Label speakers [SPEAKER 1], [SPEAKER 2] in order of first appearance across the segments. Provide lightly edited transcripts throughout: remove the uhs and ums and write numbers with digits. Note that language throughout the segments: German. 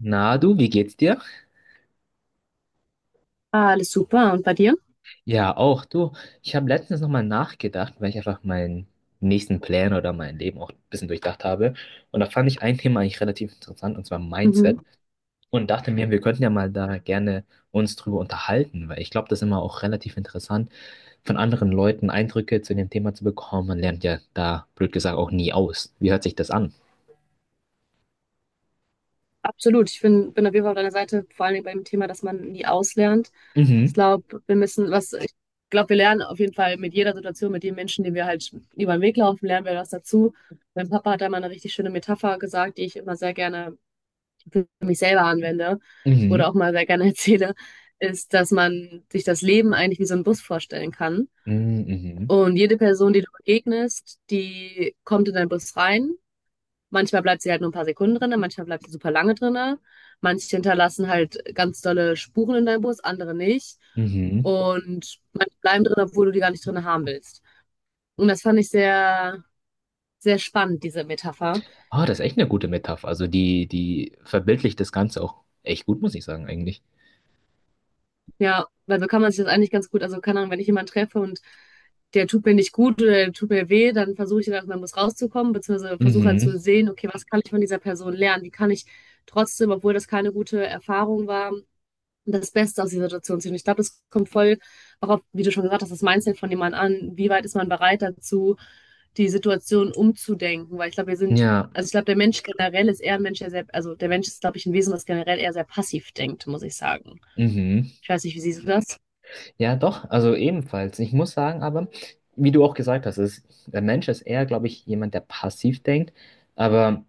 [SPEAKER 1] Na du, wie geht's dir?
[SPEAKER 2] Ah, alles super. Und bei dir?
[SPEAKER 1] Ja, auch du. Ich habe letztens nochmal nachgedacht, weil ich einfach meinen nächsten Plan oder mein Leben auch ein bisschen durchdacht habe. Und da fand ich ein Thema eigentlich relativ interessant, und zwar
[SPEAKER 2] Mhm.
[SPEAKER 1] Mindset. Und dachte mir, wir könnten ja mal da gerne uns drüber unterhalten, weil ich glaube, das ist immer auch relativ interessant, von anderen Leuten Eindrücke zu dem Thema zu bekommen. Man lernt ja da, blöd gesagt, auch nie aus. Wie hört sich das an?
[SPEAKER 2] Absolut. Ich bin auf jeden Fall auf deiner Seite, vor allen allem beim Thema, dass man nie auslernt. Ich
[SPEAKER 1] Mhm,
[SPEAKER 2] glaube, wir müssen, was, ich glaube, wir lernen auf jeden Fall mit jeder Situation, mit den Menschen, die wir halt über den Weg laufen, lernen wir was dazu. Mein Papa hat da mal eine richtig schöne Metapher gesagt, die ich immer sehr gerne für mich selber anwende oder
[SPEAKER 1] mhm,
[SPEAKER 2] auch mal sehr gerne erzähle, ist, dass man sich das Leben eigentlich wie so einen Bus vorstellen kann.
[SPEAKER 1] mhm, mhm,
[SPEAKER 2] Und jede Person, die du begegnest, die kommt in deinen Bus rein. Manchmal bleibt sie halt nur ein paar Sekunden drinne, manchmal bleibt sie super lange drinne. Manche hinterlassen halt ganz dolle Spuren in deinem Bus, andere nicht.
[SPEAKER 1] mhm.
[SPEAKER 2] Und manche bleiben drin, obwohl du die gar nicht drin haben willst. Und das fand ich sehr, sehr spannend, diese Metapher.
[SPEAKER 1] Ah, das ist echt eine gute Metapher. Also die verbildlicht das Ganze auch echt gut, muss ich sagen, eigentlich.
[SPEAKER 2] Ja, weil so kann man sich das eigentlich ganz gut, also keine Ahnung, wenn ich jemanden treffe und der tut mir nicht gut oder der tut mir weh, dann versuche ich dann aus meinem Bus rauszukommen, beziehungsweise versuche halt
[SPEAKER 1] Mhm.
[SPEAKER 2] zu sehen, okay, was kann ich von dieser Person lernen? Wie kann ich trotzdem, obwohl das keine gute Erfahrung war, das Beste aus dieser Situation ziehen. Ich glaube, das kommt voll auch auf, wie du schon gesagt hast, das Mindset von jemand an. Wie weit ist man bereit dazu, die Situation umzudenken? Weil ich glaube, wir sind,
[SPEAKER 1] Ja,
[SPEAKER 2] also ich glaube, der Mensch generell ist eher ein Mensch, der sehr, also der Mensch ist, glaube ich, ein Wesen, das generell eher sehr passiv denkt, muss ich sagen.
[SPEAKER 1] mhm.
[SPEAKER 2] Ich weiß nicht, wie siehst du das?
[SPEAKER 1] Ja, doch, also ebenfalls. Ich muss sagen, aber, wie du auch gesagt hast, ist, der Mensch ist eher, glaube ich, jemand, der passiv denkt. Aber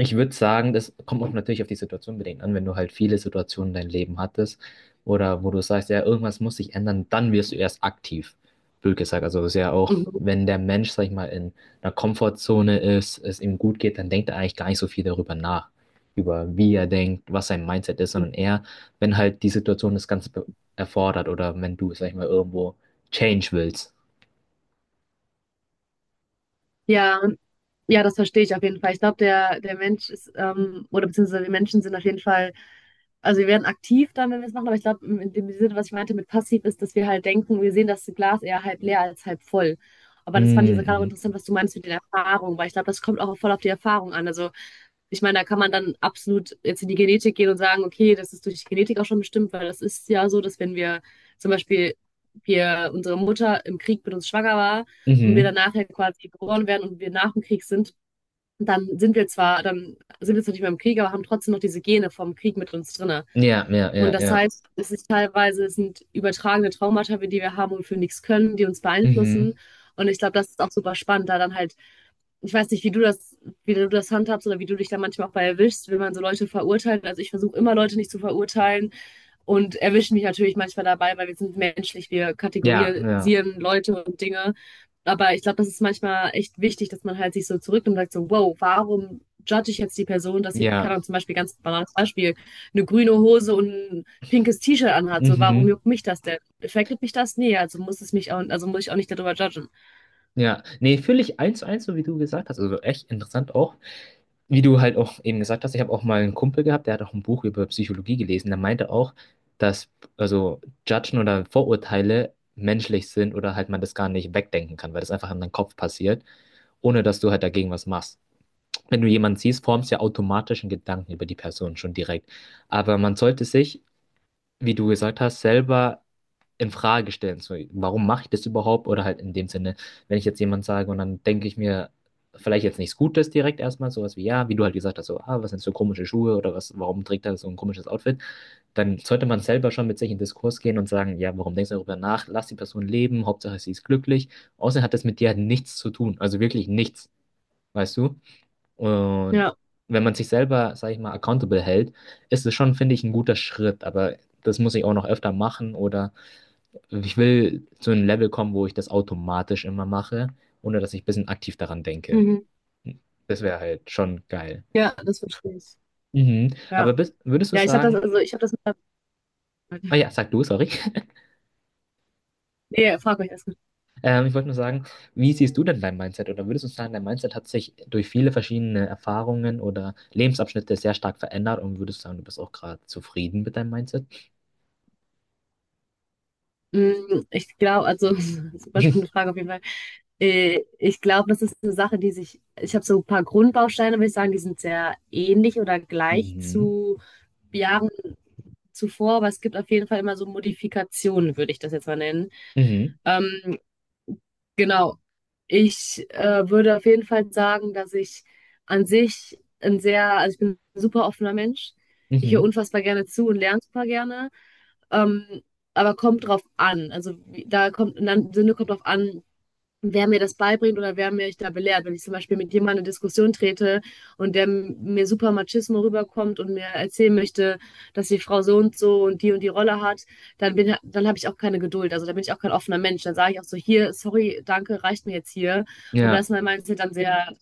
[SPEAKER 1] ich würde sagen, das kommt auch natürlich auf die Situation bedingt an, wenn du halt viele Situationen in deinem Leben hattest oder wo du sagst, ja, irgendwas muss sich ändern, dann wirst du erst aktiv, blöd gesagt. Also es ist ja auch,
[SPEAKER 2] Mhm.
[SPEAKER 1] wenn der Mensch, sag ich mal, in einer Komfortzone ist, es ihm gut geht, dann denkt er eigentlich gar nicht so viel darüber nach, über wie er denkt, was sein Mindset ist, sondern eher, wenn halt die Situation das Ganze erfordert oder wenn du, sag ich mal, irgendwo Change willst.
[SPEAKER 2] Ja, und ja, das verstehe ich auf jeden Fall. Ich glaube, der, der Mensch ist, oder beziehungsweise wir Menschen sind auf jeden Fall, also wir werden aktiv dann, wenn wir es machen, aber ich glaube, in dem Sinne, was ich meinte mit passiv, ist, dass wir halt denken, wir sehen das Glas eher halb leer als halb voll. Aber das fand ich jetzt gerade auch
[SPEAKER 1] Mhm,
[SPEAKER 2] interessant, was du meinst mit den Erfahrungen, weil ich glaube, das kommt auch voll auf die Erfahrung an. Also ich meine, da kann man dann absolut jetzt in die Genetik gehen und sagen, okay, das ist durch die Genetik auch schon bestimmt, weil das ist ja so, dass wenn wir zum Beispiel wir, unsere Mutter im Krieg mit uns schwanger war
[SPEAKER 1] mhm,
[SPEAKER 2] und wir dann
[SPEAKER 1] mhm.
[SPEAKER 2] nachher quasi geboren werden und wir nach dem Krieg sind, dann sind wir zwar nicht mehr im Krieg, aber haben trotzdem noch diese Gene vom Krieg mit uns drinne.
[SPEAKER 1] Ja, ja,
[SPEAKER 2] Und
[SPEAKER 1] ja,
[SPEAKER 2] das
[SPEAKER 1] ja.
[SPEAKER 2] heißt, es ist teilweise, es sind übertragene Traumata, die wir haben und für nichts können, die uns beeinflussen.
[SPEAKER 1] Mhm.
[SPEAKER 2] Und ich glaube, das ist auch super spannend, da dann halt, ich weiß nicht, wie du das handhabst oder wie du dich da manchmal auch bei erwischst, wenn man so Leute verurteilt. Also ich versuche immer Leute nicht zu verurteilen und erwischen mich natürlich manchmal dabei, weil wir sind menschlich, wir
[SPEAKER 1] Ja, ja.
[SPEAKER 2] kategorisieren Leute und Dinge. Aber ich glaube, das ist manchmal echt wichtig, dass man halt sich so zurücknimmt und sagt so, wow, warum judge ich jetzt die Person, dass sie,
[SPEAKER 1] Ja,
[SPEAKER 2] keine Ahnung, zum Beispiel ganz banales Beispiel, eine grüne Hose und ein pinkes T-Shirt anhat. So, warum
[SPEAKER 1] mhm.
[SPEAKER 2] juckt mich das denn? Affectet mich das? Nee, also muss es mich auch, also muss ich auch nicht darüber judgen.
[SPEAKER 1] Ja, nee, fühle ich eins zu eins, so wie du gesagt hast. Also echt interessant auch. Wie du halt auch eben gesagt hast, ich habe auch mal einen Kumpel gehabt, der hat auch ein Buch über Psychologie gelesen. Der meinte auch, dass also Judgen oder Vorurteile menschlich sind oder halt man das gar nicht wegdenken kann, weil das einfach in deinem Kopf passiert, ohne dass du halt dagegen was machst. Wenn du jemanden siehst, formst du ja automatisch einen Gedanken über die Person schon direkt. Aber man sollte sich, wie du gesagt hast, selber in Frage stellen. So, warum mache ich das überhaupt? Oder halt in dem Sinne, wenn ich jetzt jemand sage und dann denke ich mir vielleicht jetzt nichts Gutes direkt erstmal, sowas wie, ja, wie du halt gesagt hast, so, ah, was sind so komische Schuhe oder was, warum trägt er so ein komisches Outfit? Dann sollte man selber schon mit sich in Diskurs gehen und sagen, ja, warum denkst du darüber nach? Lass die Person leben, Hauptsache sie ist glücklich. Außerdem hat das mit dir halt nichts zu tun, also wirklich nichts, weißt du? Und
[SPEAKER 2] Ja.
[SPEAKER 1] wenn man sich selber, sag ich mal, accountable hält, ist es schon, finde ich, ein guter Schritt, aber das muss ich auch noch öfter machen oder ich will zu einem Level kommen, wo ich das automatisch immer mache, ohne dass ich ein bisschen aktiv daran denke.
[SPEAKER 2] Mhm.
[SPEAKER 1] Das wäre halt schon geil.
[SPEAKER 2] Ja, das verstehe ich.
[SPEAKER 1] Mhm.
[SPEAKER 2] Ja.
[SPEAKER 1] Aber würdest du
[SPEAKER 2] Ja, ich habe das,
[SPEAKER 1] sagen,
[SPEAKER 2] also ich habe das.
[SPEAKER 1] ah ja, sag du, sorry.
[SPEAKER 2] Nee, frag euch erst.
[SPEAKER 1] Ich wollte nur sagen, wie siehst du denn dein Mindset? Oder würdest du sagen, dein Mindset hat sich durch viele verschiedene Erfahrungen oder Lebensabschnitte sehr stark verändert und würdest sagen, du bist auch gerade zufrieden mit deinem Mindset?
[SPEAKER 2] Mm, ich glaube, also, super spannende Frage auf jeden Fall. Ich glaube, das ist eine Sache, die sich, ich habe so ein paar Grundbausteine, würde ich sagen, die sind sehr ähnlich oder gleich
[SPEAKER 1] Mhm.
[SPEAKER 2] zu Jahren zuvor, aber es gibt auf jeden Fall immer so Modifikationen, würde ich das jetzt mal nennen.
[SPEAKER 1] Mhm.
[SPEAKER 2] Ähm, genau. Ich würde auf jeden Fall sagen, dass ich an sich ein sehr, also ich bin ein super offener Mensch. Ich höre
[SPEAKER 1] Mhm.
[SPEAKER 2] unfassbar gerne zu und lerne super gerne. Ähm, aber kommt drauf an. Also da kommt, in einem Sinne kommt drauf an, wer mir das beibringt oder wer mich da belehrt. Wenn ich zum Beispiel mit jemandem in eine Diskussion trete und der mir super Machismo rüberkommt und mir erzählen möchte, dass die Frau so und so und die Rolle hat, dann bin, dann habe ich auch keine Geduld. Also da bin ich auch kein offener Mensch. Dann sage ich auch so, hier, sorry, danke, reicht mir jetzt hier. Und da
[SPEAKER 1] Ja,
[SPEAKER 2] ist mein Mindset dann sehr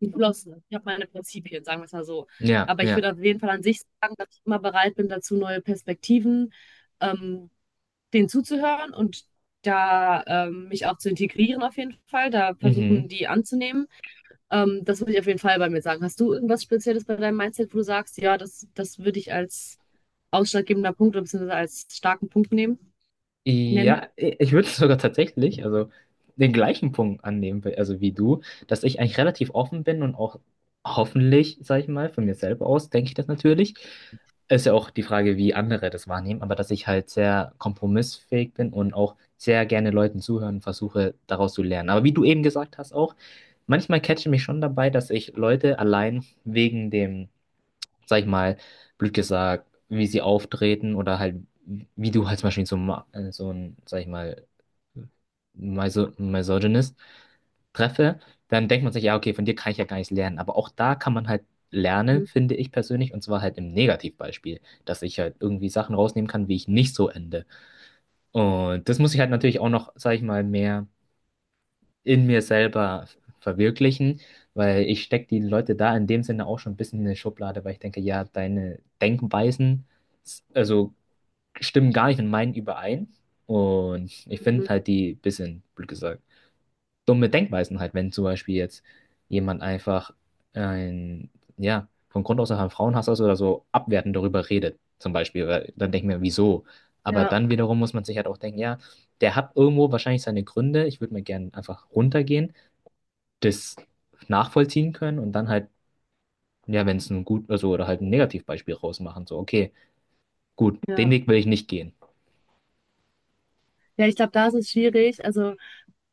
[SPEAKER 2] geschlossen. Ich habe meine Prinzipien, sagen wir es mal so.
[SPEAKER 1] ja,
[SPEAKER 2] Aber ich
[SPEAKER 1] ja.
[SPEAKER 2] würde auf jeden Fall an sich sagen, dass ich immer bereit bin dazu, neue Perspektiven ähm, denen zuzuhören und da mich auch zu integrieren auf jeden Fall, da versuchen
[SPEAKER 1] Mhm.
[SPEAKER 2] die anzunehmen. Das würde ich auf jeden Fall bei mir sagen. Hast du irgendwas Spezielles bei deinem Mindset, wo du sagst, ja, das, das würde ich als ausschlaggebender Punkt oder beziehungsweise als starken Punkt nehmen, nennen?
[SPEAKER 1] Ja, ich würde sogar tatsächlich, also den gleichen Punkt annehmen, also wie du, dass ich eigentlich relativ offen bin und auch hoffentlich, sag ich mal, von mir selber aus denke ich das natürlich. Ist ja auch die Frage, wie andere das wahrnehmen, aber dass ich halt sehr kompromissfähig bin und auch sehr gerne Leuten zuhören und versuche, daraus zu lernen. Aber wie du eben gesagt hast auch, manchmal catche mich schon dabei, dass ich Leute allein wegen dem, sag ich mal, blöd gesagt, wie sie auftreten oder halt, wie du halt zum Beispiel so, so ein, sag ich mal, Misogynist treffe, dann denkt man sich, ja, okay, von dir kann ich ja gar nichts lernen. Aber auch da kann man halt lernen, finde ich persönlich, und zwar halt im Negativbeispiel, dass ich halt irgendwie Sachen rausnehmen kann, wie ich nicht so ende. Und das muss ich halt natürlich auch noch, sag ich mal, mehr in mir selber verwirklichen, weil ich stecke die Leute da in dem Sinne auch schon ein bisschen in eine Schublade, weil ich denke, ja, deine Denkweisen, also stimmen gar nicht mit meinen überein. Und ich finde
[SPEAKER 2] Mhm.
[SPEAKER 1] halt die bisschen, blöd gesagt, dumme Denkweisen halt, wenn zum Beispiel jetzt jemand einfach ein, ja, von Grund aus einfach ein Frauenhass ist oder so abwertend darüber redet, zum Beispiel, weil dann denke ich mir, wieso? Aber
[SPEAKER 2] Ja,
[SPEAKER 1] dann wiederum muss man sich halt auch denken, ja, der hat irgendwo wahrscheinlich seine Gründe. Ich würde mir gerne einfach runtergehen, das nachvollziehen können und dann halt, ja, wenn es ein gut, also oder halt ein Negativbeispiel rausmachen, so, okay, gut, den
[SPEAKER 2] ja.
[SPEAKER 1] Weg will ich nicht gehen.
[SPEAKER 2] Ja, ich glaube, da ist es schwierig.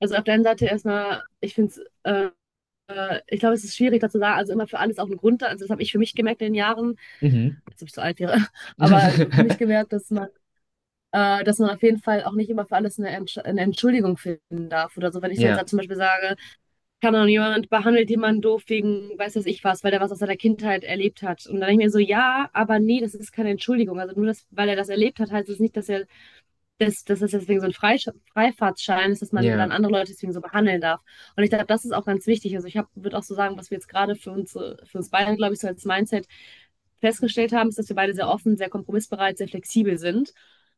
[SPEAKER 2] Also auf der einen Seite erstmal, ich finde es, ich glaube, es ist schwierig, dazu sagen, also immer für alles auch einen Grund. Also das habe ich für mich gemerkt in den Jahren,
[SPEAKER 1] Mhm.
[SPEAKER 2] jetzt bin ich so alt wäre, aber also für mich gemerkt, dass man auf jeden Fall auch nicht immer für alles eine, Entsch eine Entschuldigung finden darf oder so. Wenn ich jetzt da
[SPEAKER 1] Ja,
[SPEAKER 2] zum Beispiel sage, kann auch jemand behandelt jemanden doof wegen, weiß das ich was, weil er was aus seiner Kindheit erlebt hat. Und dann denke ich mir so, ja, aber nee, das ist keine Entschuldigung. Also nur das, weil er das erlebt hat, heißt es nicht, dass er das, das ist deswegen so ein Freifahrtschein ist, dass man dann
[SPEAKER 1] ja,
[SPEAKER 2] andere Leute deswegen so behandeln darf. Und ich glaube, das ist auch ganz wichtig. Also ich würde auch so sagen, was wir jetzt gerade für uns beide, glaube ich, so als Mindset festgestellt haben, ist, dass wir beide sehr offen, sehr kompromissbereit, sehr flexibel sind.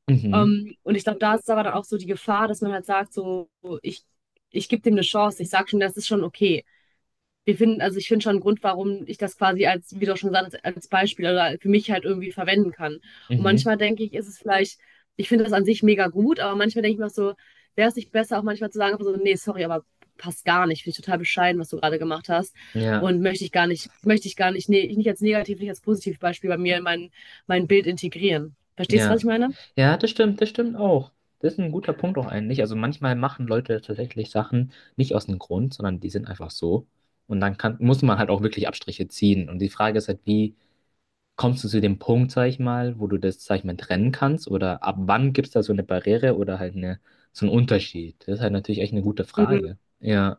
[SPEAKER 1] mhm,
[SPEAKER 2] Und ich glaube, da ist aber dann auch so die Gefahr, dass man halt sagt, so, ich, ich gebe dem eine Chance, ich sage schon, das ist schon okay. Wir finden, also ich finde schon einen Grund, warum ich das quasi als, wie du auch schon gesagt hast, als Beispiel oder für mich halt irgendwie verwenden kann. Und
[SPEAKER 1] mhm,
[SPEAKER 2] manchmal denke ich, ist es vielleicht, ich finde das an sich mega gut, aber manchmal denke ich mir auch so, wäre es nicht besser, auch manchmal zu sagen, so, nee, sorry, aber passt gar nicht, finde ich total bescheiden, was du gerade gemacht hast.
[SPEAKER 1] ja,
[SPEAKER 2] Und möchte ich gar nicht, nee, nicht als negativ, nicht als positiv Beispiel bei mir in mein Bild integrieren. Verstehst du, was ich
[SPEAKER 1] ja.
[SPEAKER 2] meine?
[SPEAKER 1] Ja, das stimmt auch. Das ist ein guter Punkt auch eigentlich. Also manchmal machen Leute tatsächlich Sachen nicht aus dem Grund, sondern die sind einfach so. Und dann kann, muss man halt auch wirklich Abstriche ziehen. Und die Frage ist halt, wie kommst du zu dem Punkt, sag ich mal, wo du das, sag ich mal, trennen kannst? Oder ab wann gibt es da so eine Barriere oder halt eine, so einen Unterschied? Das ist halt natürlich echt eine gute
[SPEAKER 2] Mhm.
[SPEAKER 1] Frage. Ja.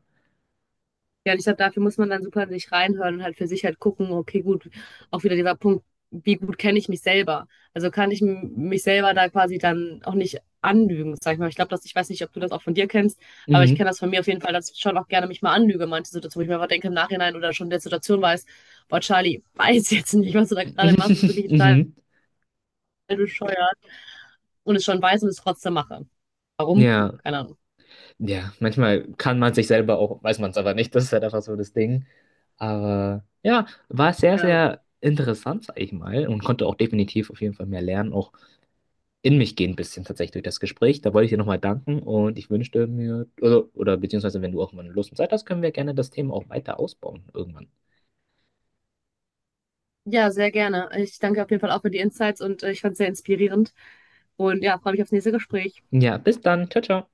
[SPEAKER 2] Ja, und ich glaube, dafür muss man dann super in sich reinhören und halt für sich halt gucken, okay, gut, auch wieder dieser Punkt, wie gut kenne ich mich selber? Also kann ich mich selber da quasi dann auch nicht anlügen, sag ich mal. Ich glaube, dass, ich weiß nicht, ob du das auch von dir kennst, aber ich
[SPEAKER 1] Mhm.
[SPEAKER 2] kenne das von mir auf jeden Fall, dass ich schon auch gerne mich mal anlüge, manche Situationen, wo ich mir einfach denke im Nachhinein oder schon in der Situation weiß, boah, Charlie, weiß jetzt nicht, was du da gerade machst, ist wirklich total
[SPEAKER 1] Mhm.
[SPEAKER 2] bescheuert und es schon weiß und es trotzdem mache. Warum?
[SPEAKER 1] Ja.
[SPEAKER 2] Keine Ahnung.
[SPEAKER 1] Ja. Manchmal kann man sich selber auch, weiß man es aber nicht, das ist halt einfach so das Ding. Aber ja, war sehr,
[SPEAKER 2] Ja,
[SPEAKER 1] sehr interessant, sag ich mal, und konnte auch definitiv auf jeden Fall mehr lernen, auch in mich gehen ein bisschen tatsächlich durch das Gespräch. Da wollte ich dir nochmal danken und ich wünschte mir, oder beziehungsweise wenn du auch mal Lust und Zeit hast, können wir gerne das Thema auch weiter ausbauen irgendwann.
[SPEAKER 2] ja sehr gerne. Ich danke auf jeden Fall auch für die Insights und ich fand es sehr inspirierend. Und ja, freue mich aufs nächste Gespräch.
[SPEAKER 1] Ja, bis dann. Ciao, ciao.